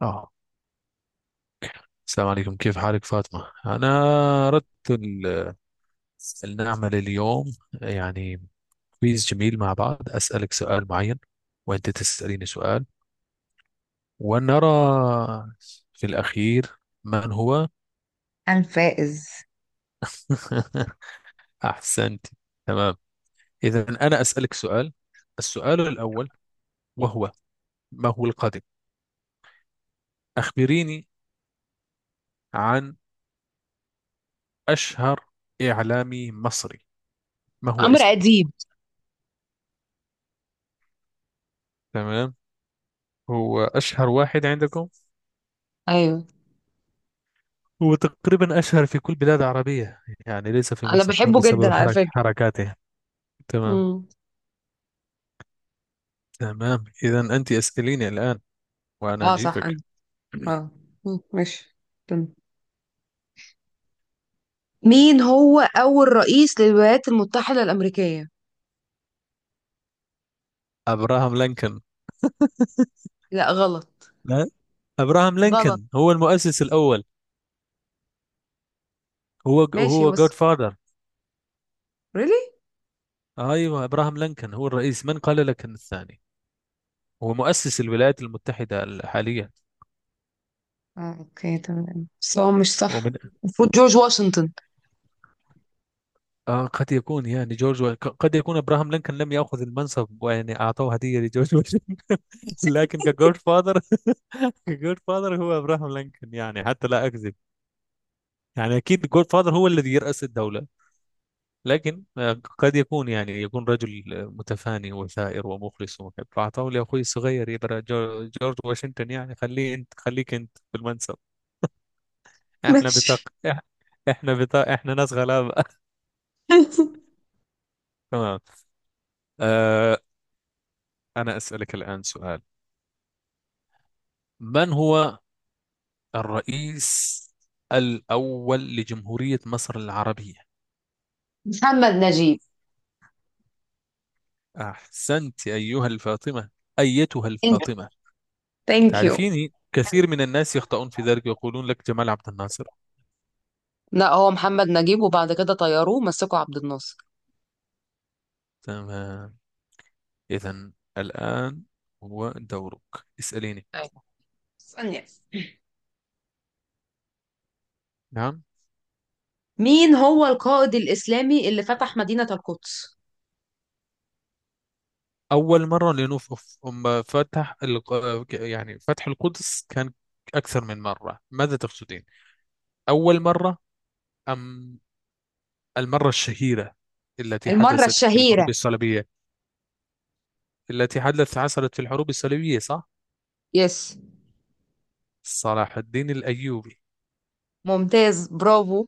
اه السلام عليكم، كيف حالك فاطمة؟ أنا أردت أن نعمل اليوم يعني كويز جميل مع بعض، أسألك سؤال معين وأنت تسأليني سؤال، ونرى في الأخير من هو. هان فائز. أحسنت. تمام. إذا أنا أسألك سؤال. السؤال الأول وهو ما هو القادم. أخبريني عن أشهر إعلامي مصري، ما هو عمرو اسمه؟ أديب. تمام. هو أشهر واحد عندكم. أيوه، هو تقريبا أشهر في كل بلاد عربية يعني، ليس في أنا مصر، بحبه بسبب جدا على حرك فكرة. حركاته تمام، مم. تمام. إذا أنت اسأليني الآن وأنا اه، صح، انا. أجيبك. اه. مم، ماشي. تم. مين هو أول رئيس للولايات المتحدة الأمريكية؟ أبراهام لينكولن. لا، غلط. لا، أبراهام غلط. لينكولن هو المؤسس الأول. هو ماشي، هو هو بس جود فادر. ريلي. أيوه، أبراهام لينكولن هو الرئيس، من قال لك أن الثاني هو مؤسس الولايات المتحدة الحالية؟ اه، اوكي، تمام، بس هو مش ومن. صح. المفروض جورج واشنطن. قد يكون يعني جورج قد يكون ابراهام لينكولن لم ياخذ المنصب، ويعني اعطوه هديه لجورج واشنطن. لكن كجورج فاذر، جود فاذر هو ابراهام لينكولن، يعني حتى لا اكذب. يعني اكيد جود فاذر هو الذي يرأس الدولة. لكن قد يكون يعني يكون رجل متفاني وثائر ومخلص ومحب، فاعطاه لاخوي الصغير يبقى جورج واشنطن، يعني خليه، انت خليك انت في المنصب. احنا بطاق. ماشي. إح- احنا بطاق، احنا ناس غلابة. تمام. آه، انا اسألك الآن سؤال. من هو الرئيس الأول لجمهورية مصر العربية؟ محمد نجيب. أحسنت أيها الفاطمة، أيتها انت؟ الفاطمة. ثانك يو. تعرفيني، كثير من الناس يخطئون في ذلك، يقولون لك جمال عبد الناصر. لا، هو محمد نجيب وبعد كده طيروه مسكوا عبد الناصر. تمام. إذا الآن هو دورك، اسأليني. أيوة. ثانية. نعم. مين هو القائد الإسلامي اللي فتح مدينة القدس؟ أول مرة لنوف، أم فتح يعني فتح القدس كان أكثر من مرة، ماذا تقصدين؟ أول مرة أم المرة الشهيرة التي المرة حدثت في الحروب الشهيرة. الصليبية؟ التي حدثت، حصلت في الحروب الصليبية، صح؟ يس. صلاح الدين الأيوبي. ممتاز، برافو.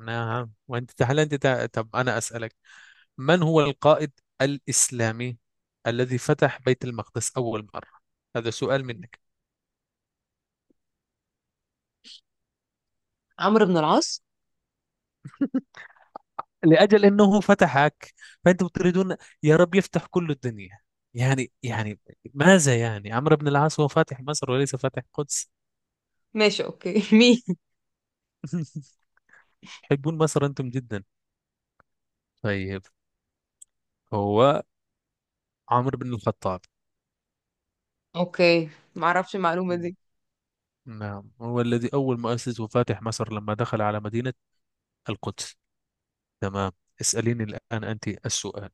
نعم. وانت تعالى، طب انا اسالك، من هو القائد الاسلامي الذي فتح بيت المقدس اول مره؟ هذا سؤال منك. عمرو بن العاص. لاجل انه فتحك فانتم تريدون، يا رب يفتح كل الدنيا. يعني ماذا، يعني عمرو بن العاص هو فاتح مصر وليس فاتح القدس. ماشي، اوكي. مين؟ تحبون مصر انتم جدا. طيب، هو عمرو بن الخطاب. اوكي، معرفش المعلومة دي. نعم، هو الذي اول مؤسس وفاتح مصر، لما دخل على مدينه القدس. تمام. اسأليني الآن أنت السؤال.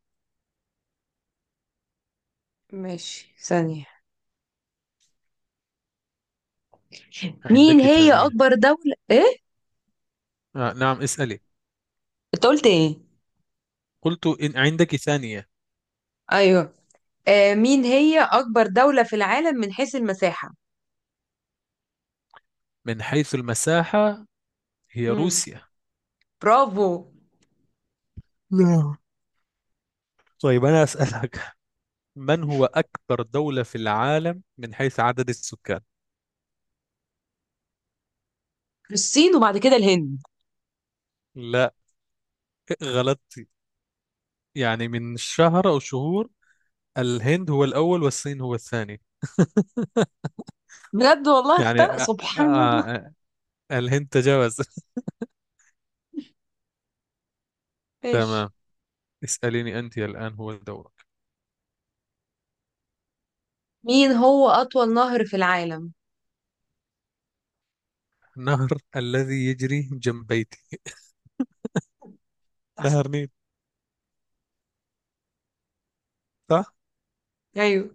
ماشي، ثانية. مين عندك هي ثانية؟ أكبر دولة ايه؟ نعم، اسألي. انت قلت ايه؟ قلت إن عندك ثانية. ايوه. مين هي أكبر دولة في العالم من حيث المساحة؟ من حيث المساحة، هي امم. روسيا. برافو. نعم. طيب، أنا أسألك، من هو أكبر دولة في العالم من حيث عدد السكان؟ الصين وبعد كده الهند. لا، غلطت. يعني من شهر أو شهور، الهند هو الأول والصين هو الثاني. بجد والله يعني اخترق آه سبحان الله. آه، الهند تجاوز. ماشي. تمام. اسأليني أنت الآن هو دورك. مين هو أطول نهر في العالم؟ نهر الذي يجري جنب بيتي، بس. نهر نيل. صح. ايوه،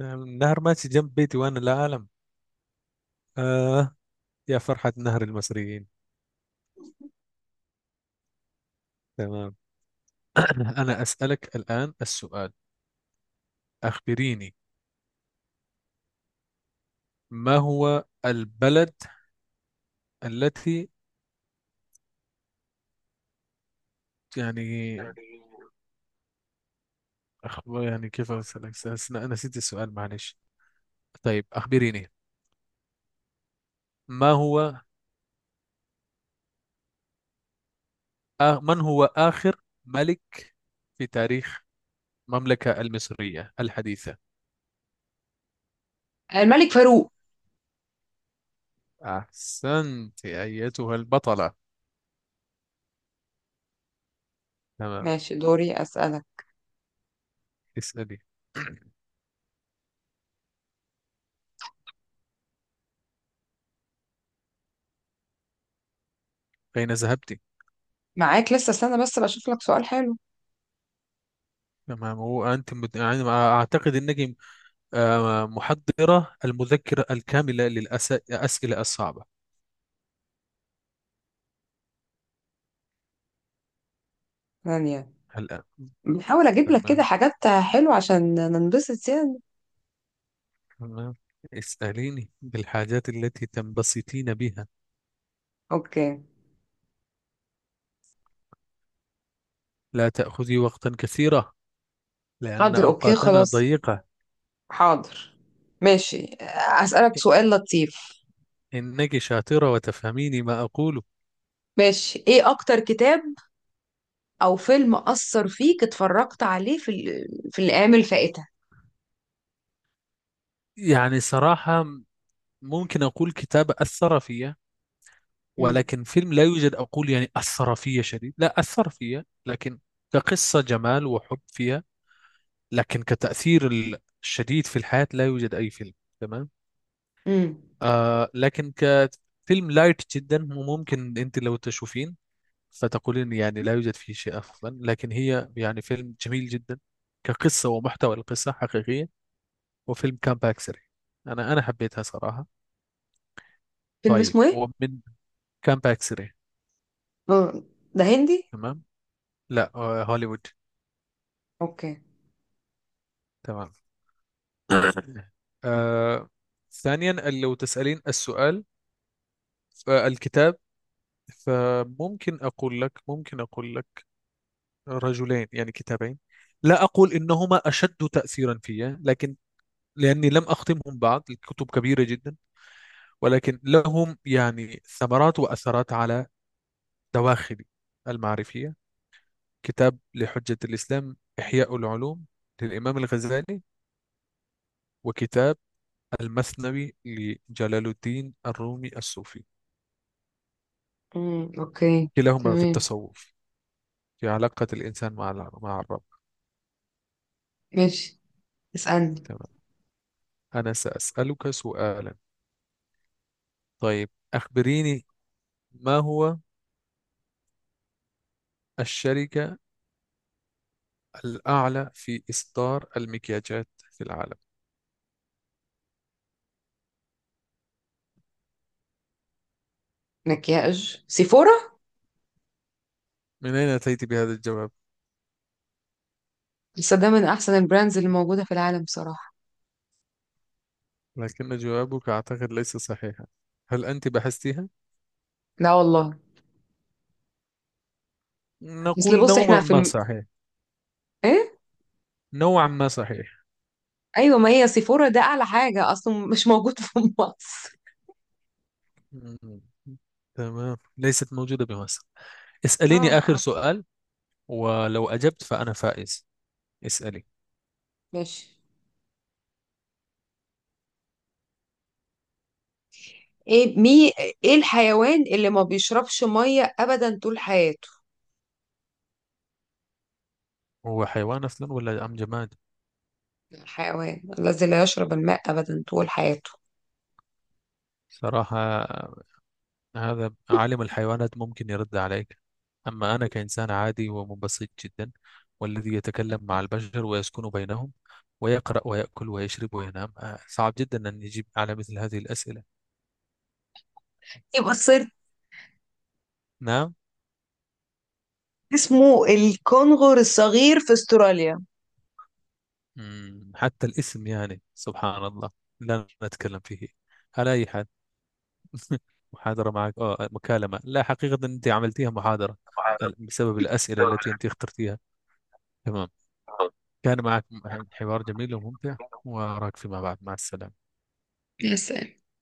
نعم، نهر ماشي جنب بيتي وانا لا اعلم. آه يا فرحة نهر المصريين. تمام. انا اسألك الان السؤال. اخبريني، ما هو البلد التي يعني أخ... يعني كيف اسالك، أنا نسيت السؤال، معلش. طيب، اخبريني ما هو من هو اخر ملك في تاريخ المملكة المصرية الحديثة؟ الملك فاروق. احسنت ايتها البطلة. تمام. ماشي، دوري أسألك. اسألي، اين ذهبت؟ معاك لسه، استنى بس بشوف لك سؤال حلو. تمام. هو أنت يعني أعتقد أنك محضرة المذكرة الكاملة للأسئلة الصعبة ثانية. الآن. بحاول أجيب لك كده تمام، حاجات حلوة عشان ننبسط يعني. تمام. اسأليني بالحاجات التي تنبسطين بها. أوكي، لا تأخذي وقتا كثيرا لأن حاضر، أوكي، أوقاتنا خلاص، ضيقة. حاضر، ماشي. أسألك سؤال لطيف. إنك شاطرة وتفهميني ما أقوله. ماشي، إيه أكتر كتاب أو فيلم أثر فيك اتفرجت عليه في الأيام الفائتة؟ يعني صراحة، ممكن أقول كتاب أثر فيا، مم. ولكن فيلم لا يوجد. أقول يعني أثر فيا شديد، لا أثر فيا، لكن كقصة جمال وحب فيها، لكن كتأثير الشديد في الحياة لا يوجد أي فيلم. تمام. مم. لكن كفيلم لايت جدا، وممكن أنت لو تشوفين فتقولين يعني لا يوجد فيه شيء أفضل، لكن هي يعني فيلم جميل جدا. كقصة، ومحتوى القصة حقيقية، وفيلم كامب سري. أنا حبيتها صراحة. فيلم طيب. اسمه إيه؟ ومن؟ كامب سري. آه، ده هندي؟ تمام. لا، هوليوود. أوكي. تمام. آه ثانيا لو تسألين السؤال فالكتاب، فممكن أقول لك رجلين يعني كتابين. لا أقول إنهما أشد تأثيرا في، لكن لأني لم أختمهم بعد، الكتب كبيرة جدا. ولكن لهم يعني ثمرات وأثرات على دواخلي المعرفية. كتاب لحجة الإسلام إحياء العلوم للإمام الغزالي، وكتاب المثنوي لجلال الدين الرومي الصوفي. مم. أوكي، كلاهما في تمام، التصوف، في علاقة الإنسان مع مع الرب. ماشي، اسألني. تمام. أنا سأسألك سؤالا. طيب، أخبريني ما هو الشركة الأعلى في إصدار المكياجات في العالم؟ مكياج سيفورا. من أين أتيت بهذا الجواب؟ لسه ده من احسن البراندز اللي موجوده في العالم بصراحه. لكن جوابك أعتقد ليس صحيحا. هل أنت بحثتها؟ لا والله. اصل نقول بص نوعا احنا ما صحيح، ايه. نوعا ما صحيح. ايوه، ما هي سيفورا ده اعلى حاجه اصلا، مش موجود في مصر. مم. تمام. ليست موجودة بمصر. اسأليني آخر اه. سؤال، ولو أجبت فأنا فائز. اسألي. ماشي. ايه مي ايه الحيوان اللي ما بيشربش ميه ابدا طول حياته؟ هو حيوان أصلا ولا أم جماد؟ الحيوان الذي لا يشرب الماء ابدا طول حياته. صراحة، هذا عالم الحيوانات ممكن يرد عليك. أما أنا كإنسان عادي ومبسط جدا، والذي يتكلم مع البشر ويسكن بينهم ويقرأ ويأكل ويشرب وينام، صعب جدا أن يجيب على مثل هذه الأسئلة. يبقى الصيد. نعم. اسمه الكنغر الصغير في استراليا. حتى الاسم يعني سبحان الله، لا نتكلم فيه. على أي حال، محاضرة معك أو مكالمة، لا حقيقة أنت عملتيها محاضرة بسبب الأسئلة التي أنت اخترتيها. تمام. كان معك حوار جميل وممتع، وأراك فيما بعد. مع السلامة. بس